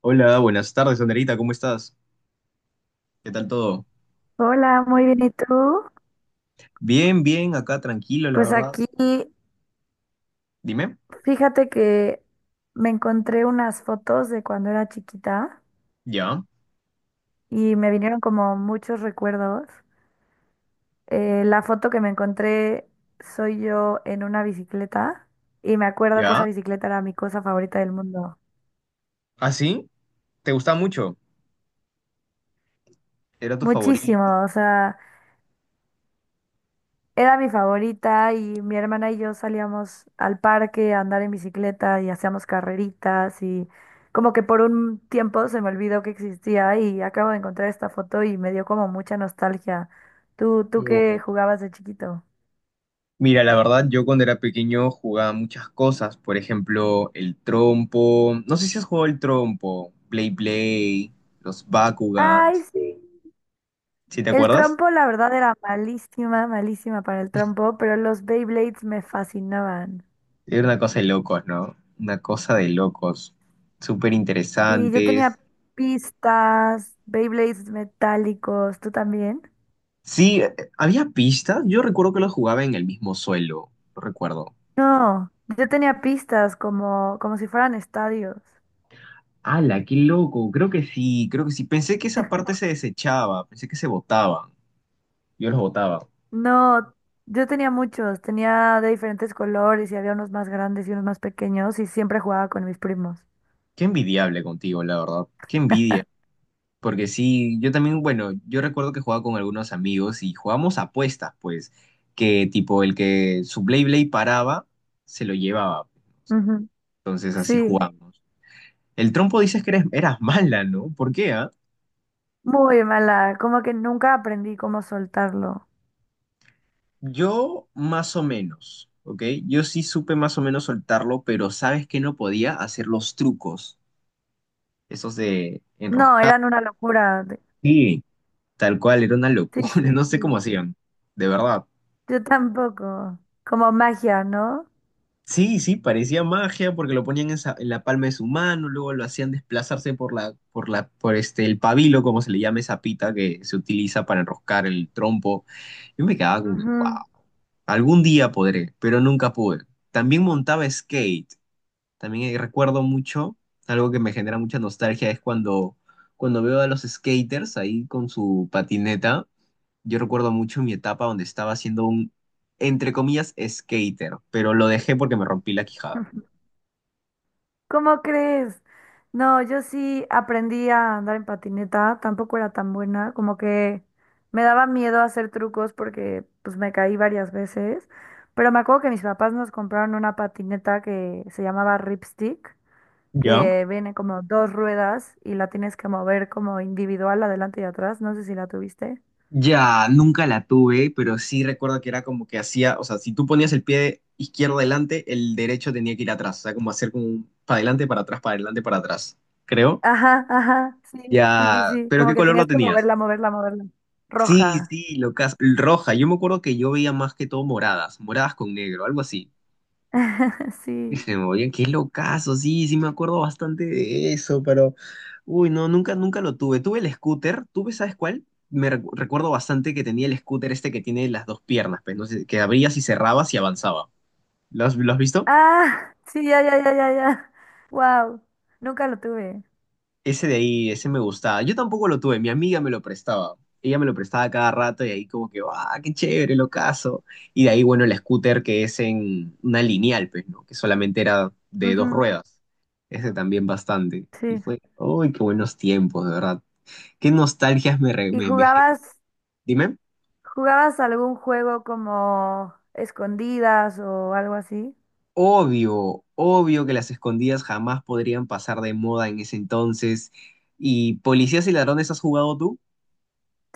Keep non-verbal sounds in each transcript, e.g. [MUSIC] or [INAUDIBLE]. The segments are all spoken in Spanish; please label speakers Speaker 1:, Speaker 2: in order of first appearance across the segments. Speaker 1: Hola, buenas tardes, Anderita, ¿cómo estás? ¿Qué tal todo?
Speaker 2: Hola, muy bien. ¿Y tú?
Speaker 1: Bien, bien, acá tranquilo, la
Speaker 2: Pues
Speaker 1: verdad.
Speaker 2: aquí,
Speaker 1: Dime.
Speaker 2: fíjate que me encontré unas fotos de cuando era chiquita
Speaker 1: Ya,
Speaker 2: y me vinieron como muchos recuerdos. La foto que me encontré soy yo en una bicicleta y me acuerdo que esa
Speaker 1: ya.
Speaker 2: bicicleta era mi cosa favorita del mundo.
Speaker 1: ¿Ah, sí? ¿Te gusta mucho? ¿Era tu
Speaker 2: Muchísimo,
Speaker 1: favorito?
Speaker 2: o sea, era mi favorita y mi hermana y yo salíamos al parque a andar en bicicleta y hacíamos carreritas y como que por un tiempo se me olvidó que existía y acabo de encontrar esta foto y me dio como mucha nostalgia. ¿Tú qué
Speaker 1: o-
Speaker 2: jugabas de chiquito?
Speaker 1: Mira, la verdad, yo cuando era pequeño jugaba muchas cosas, por ejemplo, el trompo. No sé si has jugado el trompo, Play Play, los
Speaker 2: Ay,
Speaker 1: Bakugans.
Speaker 2: sí.
Speaker 1: ¿Sí te
Speaker 2: El
Speaker 1: acuerdas?
Speaker 2: trompo, la verdad, era malísima, malísima para el trompo, pero los Beyblades me fascinaban.
Speaker 1: Era una cosa de locos, ¿no? Una cosa de locos. Súper
Speaker 2: Y yo tenía
Speaker 1: interesantes.
Speaker 2: pistas, Beyblades metálicos, ¿tú también?
Speaker 1: Sí, había pistas. Yo recuerdo que lo jugaba en el mismo suelo. Lo recuerdo.
Speaker 2: No, yo tenía pistas como si fueran estadios.
Speaker 1: ¡Hala, qué loco! Creo que sí, creo que sí. Pensé que esa parte se desechaba, pensé que se botaban. Yo los botaba.
Speaker 2: No, yo tenía muchos, tenía de diferentes colores y había unos más grandes y unos más pequeños y siempre jugaba con mis primos.
Speaker 1: Qué envidiable contigo, la verdad. Qué envidia. Porque sí, yo también, bueno, yo recuerdo que jugaba con algunos amigos y jugábamos apuestas, pues, que tipo el que su Blay Blay paraba, se lo llevaba.
Speaker 2: Ujú.
Speaker 1: Entonces así. Sí,
Speaker 2: Sí,
Speaker 1: jugábamos. El trompo dices que eras mala, ¿no? ¿Por qué, ah?
Speaker 2: muy mala, como que nunca aprendí cómo soltarlo.
Speaker 1: Yo más o menos, ¿ok? Yo sí supe más o menos soltarlo, pero sabes que no podía hacer los trucos, esos de
Speaker 2: No,
Speaker 1: enroscar.
Speaker 2: eran una locura.
Speaker 1: Sí, tal cual, era una
Speaker 2: Sí,
Speaker 1: locura,
Speaker 2: sí,
Speaker 1: [LAUGHS] no sé cómo
Speaker 2: sí.
Speaker 1: hacían, de verdad.
Speaker 2: Yo tampoco, como magia, ¿no?
Speaker 1: Sí, sí, parecía magia porque lo ponían en, en la palma de su mano, luego lo hacían desplazarse por la, el pabilo, como se le llama esa pita que se utiliza para enroscar el trompo. Yo me quedaba como que, wow,
Speaker 2: Ujú.
Speaker 1: algún día podré, pero nunca pude. También montaba skate. También recuerdo mucho, algo que me genera mucha nostalgia es cuando, cuando veo a los skaters ahí con su patineta. Yo recuerdo mucho mi etapa donde estaba siendo un, entre comillas, skater, pero lo dejé porque me rompí la quijada.
Speaker 2: [LAUGHS] ¿Cómo crees? No, yo sí aprendí a andar en patineta, tampoco era tan buena, como que me daba miedo hacer trucos porque pues me caí varias veces, pero me acuerdo que mis papás nos compraron una patineta que se llamaba Ripstick,
Speaker 1: ¿Ya?
Speaker 2: que viene como dos ruedas y la tienes que mover como individual adelante y atrás, no sé si la tuviste.
Speaker 1: Ya, nunca la tuve, pero sí recuerdo que era como que hacía, o sea, si tú ponías el pie izquierdo adelante, el derecho tenía que ir atrás, o sea, como hacer como un para adelante, para atrás, para adelante, para atrás, creo.
Speaker 2: Ajá, ajá, sí, sí, sí,
Speaker 1: Ya,
Speaker 2: sí,
Speaker 1: pero
Speaker 2: como
Speaker 1: ¿qué
Speaker 2: que
Speaker 1: color
Speaker 2: tenías
Speaker 1: lo
Speaker 2: que
Speaker 1: tenías?
Speaker 2: moverla, moverla, moverla.
Speaker 1: Sí,
Speaker 2: Roja,
Speaker 1: sí, locas. Roja. Yo me acuerdo que yo veía más que todo moradas, moradas con negro, algo así.
Speaker 2: [LAUGHS]
Speaker 1: Y
Speaker 2: sí.
Speaker 1: se me oye, qué locazo, sí, sí me acuerdo bastante de eso, pero uy, no, nunca, nunca lo tuve. Tuve el scooter, ¿tuve, sabes cuál? Me recuerdo bastante que tenía el scooter este que tiene las dos piernas, pues, no sé, que abrías y cerrabas y avanzaba. Lo has visto?
Speaker 2: Ah, sí, ya, ya, ya, ya, ya. Wow, nunca lo tuve.
Speaker 1: Ese de ahí, ese me gustaba. Yo tampoco lo tuve, mi amiga me lo prestaba. Ella me lo prestaba cada rato y ahí como que, ¡ah, qué chévere, lo caso! Y de ahí, bueno, el scooter que es en una lineal, pues, ¿no? Que solamente era de dos
Speaker 2: Ujú,
Speaker 1: ruedas. Ese también bastante. Y
Speaker 2: sí.
Speaker 1: fue, ¡ay, qué buenos tiempos, de verdad! ¡Qué nostalgias me...
Speaker 2: ¿Y jugabas,
Speaker 1: Dime.
Speaker 2: jugabas algún juego como escondidas o algo así?
Speaker 1: Obvio, obvio que las escondidas jamás podrían pasar de moda en ese entonces. ¿Y Policías y Ladrones has jugado tú?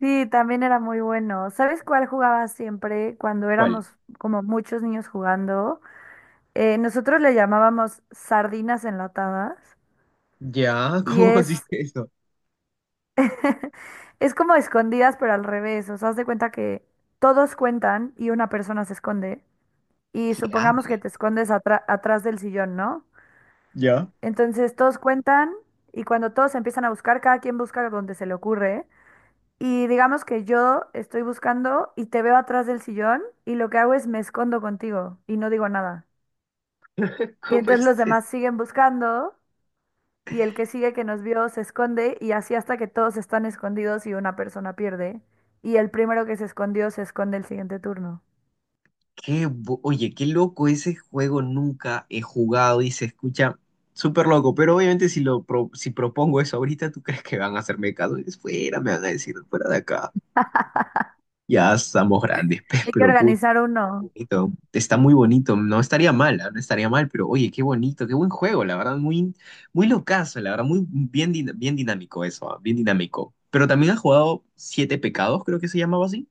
Speaker 2: Sí, también era muy bueno. ¿Sabes cuál jugaba siempre cuando
Speaker 1: ¿Cuál?
Speaker 2: éramos como muchos niños jugando? Nosotros le llamábamos sardinas enlatadas
Speaker 1: Ya, [LAUGHS]
Speaker 2: y
Speaker 1: ¿cómo consiste
Speaker 2: es,
Speaker 1: eso?
Speaker 2: [LAUGHS] es como escondidas pero al revés. O sea, haz de cuenta que todos cuentan y una persona se esconde. Y supongamos que
Speaker 1: Claro.
Speaker 2: te escondes atrás del sillón, ¿no?
Speaker 1: Ya.
Speaker 2: Entonces todos cuentan y cuando todos empiezan a buscar, cada quien busca donde se le ocurre. Y digamos que yo estoy buscando y te veo atrás del sillón y lo que hago es me escondo contigo y no digo nada.
Speaker 1: [LAUGHS]
Speaker 2: Y
Speaker 1: ¿Cómo
Speaker 2: entonces
Speaker 1: es
Speaker 2: los
Speaker 1: eso?
Speaker 2: demás siguen buscando y el que sigue que nos vio se esconde y así hasta que todos están escondidos y una persona pierde. Y el primero que se escondió se esconde el siguiente turno.
Speaker 1: Oye, qué loco ese juego, nunca he jugado y se escucha súper loco, pero obviamente si si propongo eso ahorita, ¿tú crees que van a hacerme caso? Dices, fuera, me van a decir, fuera de acá. Ya estamos grandes, [LAUGHS]
Speaker 2: Hay que
Speaker 1: pero puto,
Speaker 2: organizar uno.
Speaker 1: bonito. Está muy bonito, no estaría mal, ¿ah? No estaría mal, pero oye, qué bonito, qué buen juego, la verdad, muy, muy locazo, la verdad, muy bien, bien dinámico eso, ¿ah? Bien dinámico. Pero también has jugado Siete Pecados, creo que se llamaba así.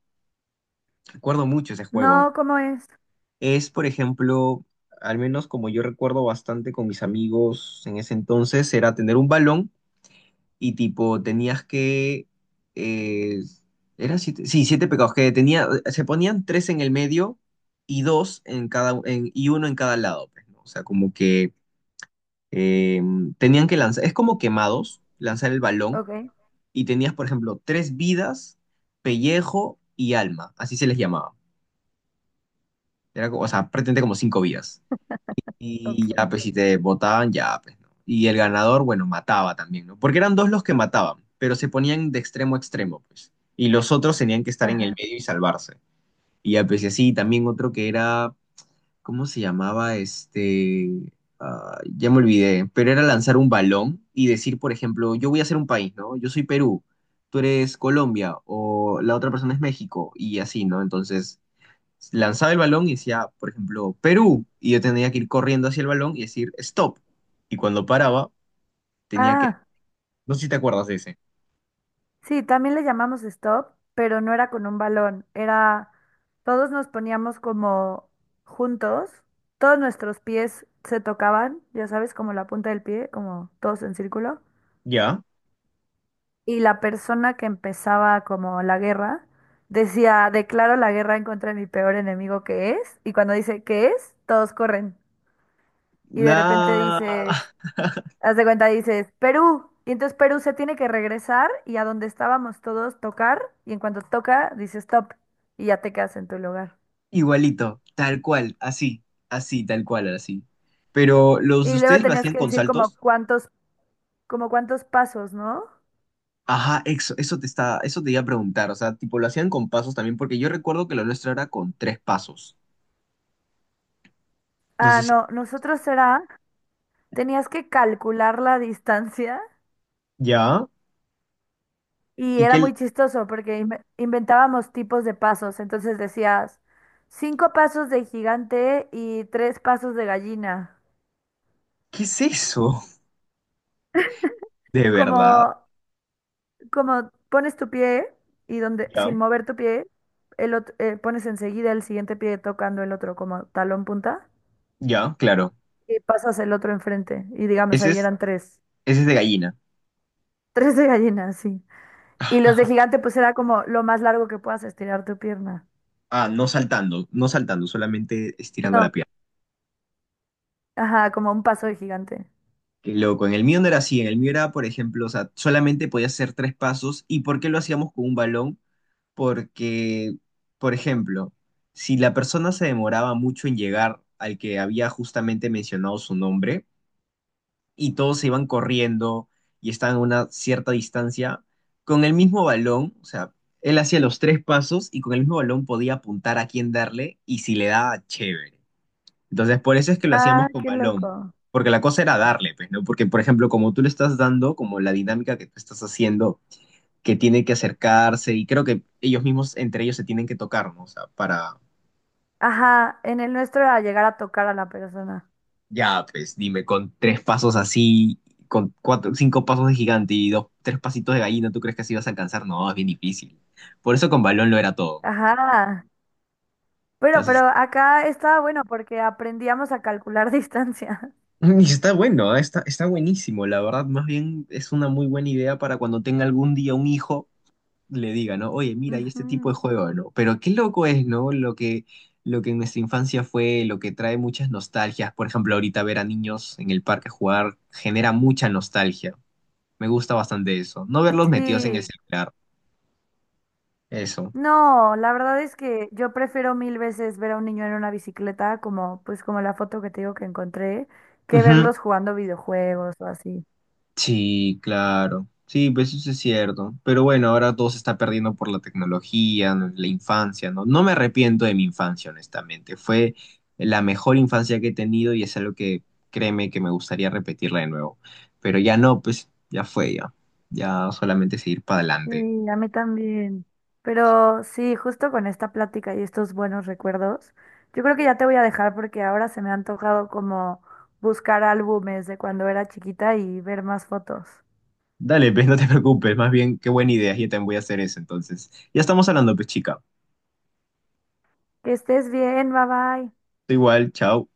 Speaker 1: Recuerdo mucho ese juego.
Speaker 2: No, ¿cómo es?
Speaker 1: Es, por ejemplo, al menos como yo recuerdo bastante con mis amigos en ese entonces, era tener un balón y tipo tenías que... eh, eran siete, sí, siete pecados, que tenía, se ponían tres en el medio y dos en cada, y uno en cada lado, pues, ¿no? O sea, como que eh, tenían que lanzar, es como quemados, lanzar el balón
Speaker 2: Ok,
Speaker 1: y tenías, por ejemplo, tres vidas, pellejo y alma, así se les llamaba. Era, o sea, prácticamente como cinco vidas. Y ya,
Speaker 2: ok.
Speaker 1: pues si te votaban, ya, pues, ¿no? Y el ganador, bueno, mataba también, ¿no? Porque eran dos los que mataban, pero se ponían de extremo a extremo, pues. Y los otros tenían que estar en el
Speaker 2: Ajá.
Speaker 1: medio y salvarse. Y ya, pues y así, también otro que era, ¿cómo se llamaba? Este, ah, ya me olvidé, pero era lanzar un balón y decir, por ejemplo, yo voy a hacer un país, ¿no? Yo soy Perú, tú eres Colombia o la otra persona es México y así, ¿no? Entonces lanzaba el balón y decía, por ejemplo, Perú, y yo tenía que ir corriendo hacia el balón y decir, stop. Y cuando paraba, tenía que,
Speaker 2: Ah,
Speaker 1: no sé si te acuerdas de ese,
Speaker 2: sí, también le llamamos stop, pero no era con un balón, era todos nos poníamos como juntos, todos nuestros pies se tocaban, ya sabes, como la punta del pie, como todos en círculo,
Speaker 1: ¿ya?
Speaker 2: y la persona que empezaba como la guerra decía, declaro la guerra en contra de mi peor enemigo que es, y cuando dice que es, todos corren, y de repente
Speaker 1: Nada,
Speaker 2: dices, haz de cuenta, dices, Perú. Y entonces Perú se tiene que regresar y a donde estábamos todos tocar. Y en cuanto toca, dices stop. Y ya te quedas en tu lugar.
Speaker 1: [LAUGHS] igualito, tal cual, así, así, tal cual, así. Pero los de
Speaker 2: Y luego
Speaker 1: ustedes lo
Speaker 2: tenías
Speaker 1: hacían
Speaker 2: que
Speaker 1: con
Speaker 2: decir como
Speaker 1: saltos.
Speaker 2: cuántos, como cuántos pasos, ¿no?
Speaker 1: Ajá, eso te iba a preguntar, o sea, tipo, lo hacían con pasos también, porque yo recuerdo que lo nuestro era con tres pasos. No
Speaker 2: Ah,
Speaker 1: sé si,
Speaker 2: no, nosotros era, tenías que calcular la distancia
Speaker 1: ¿ya?
Speaker 2: y
Speaker 1: ¿Y
Speaker 2: era
Speaker 1: qué,
Speaker 2: muy chistoso porque inventábamos tipos de pasos. Entonces decías, cinco pasos de gigante y tres pasos de gallina.
Speaker 1: qué es eso? [LAUGHS] ¿De
Speaker 2: Como,
Speaker 1: verdad?
Speaker 2: como pones tu pie y donde,
Speaker 1: Ya,
Speaker 2: sin mover tu pie, pones enseguida el siguiente pie tocando el otro como talón punta
Speaker 1: ya, claro.
Speaker 2: y pasas el otro enfrente. Y digamos,
Speaker 1: Ese
Speaker 2: ahí
Speaker 1: es,
Speaker 2: eran tres,
Speaker 1: Ese es de gallina.
Speaker 2: [LAUGHS] tres de gallina, sí. Y los de
Speaker 1: [LAUGHS]
Speaker 2: gigante, pues era como lo más largo que puedas estirar tu pierna.
Speaker 1: Ah, no saltando, no saltando, solamente estirando
Speaker 2: No,
Speaker 1: la pierna.
Speaker 2: ajá, como un paso de gigante.
Speaker 1: Qué loco. En el mío no era así. En el mío era, por ejemplo, o sea, solamente podía hacer tres pasos. ¿Y por qué lo hacíamos con un balón? Porque, por ejemplo, si la persona se demoraba mucho en llegar al que había justamente mencionado su nombre y todos se iban corriendo y estaban a una cierta distancia, con el mismo balón, o sea, él hacía los tres pasos y con el mismo balón podía apuntar a quién darle y si le daba, chévere. Entonces, por eso es que lo
Speaker 2: Ah,
Speaker 1: hacíamos con
Speaker 2: qué
Speaker 1: balón,
Speaker 2: loco.
Speaker 1: porque la cosa era darle, pues, ¿no? Porque, por ejemplo, como tú le estás dando, como la dinámica que tú estás haciendo, que tiene que acercarse, y creo que ellos mismos, entre ellos, se tienen que tocar, ¿no? O sea, para,
Speaker 2: Ajá, en el nuestro era llegar a tocar a la persona.
Speaker 1: ya, pues, dime, con tres pasos así, con cuatro, cinco pasos de gigante y dos, tres pasitos de gallina, ¿tú crees que así vas a alcanzar? No, es bien difícil. Por eso con balón lo era todo.
Speaker 2: Ajá. Bueno,
Speaker 1: Entonces,
Speaker 2: pero acá estaba bueno porque aprendíamos a calcular [LAUGHS] distancia.
Speaker 1: [LAUGHS] y está bueno, ¿eh? Está, está buenísimo, la verdad, más bien es una muy buena idea para cuando tenga algún día un hijo le diga, ¿no? Oye, mira, hay este tipo de
Speaker 2: Ujú.
Speaker 1: juego, ¿no? Pero qué loco es, ¿no? Lo que en nuestra infancia fue, lo que trae muchas nostalgias. Por ejemplo, ahorita ver a niños en el parque jugar genera mucha nostalgia. Me gusta bastante eso. No verlos metidos en el
Speaker 2: Sí.
Speaker 1: celular. Eso.
Speaker 2: No, la verdad es que yo prefiero mil veces ver a un niño en una bicicleta, como pues como la foto que te digo que encontré, que
Speaker 1: Ujú.
Speaker 2: verlos jugando videojuegos o así.
Speaker 1: Sí, claro. Sí, pues eso es cierto. Pero bueno, ahora todo se está perdiendo por la tecnología, ¿no? La infancia, ¿no? No me arrepiento de mi infancia, honestamente. Fue la mejor infancia que he tenido y es algo que créeme que me gustaría repetirla de nuevo. Pero ya no, pues ya fue ya. Ya solamente seguir para adelante.
Speaker 2: Sí, a mí también. Pero sí, justo con esta plática y estos buenos recuerdos, yo creo que ya te voy a dejar porque ahora se me ha antojado como buscar álbumes de cuando era chiquita y ver más fotos.
Speaker 1: Dale, pues no te preocupes. Más bien, qué buena idea. Yo también voy a hacer eso. Entonces, ya estamos hablando, pues chica.
Speaker 2: Que estés bien, bye bye.
Speaker 1: Tú igual, chao.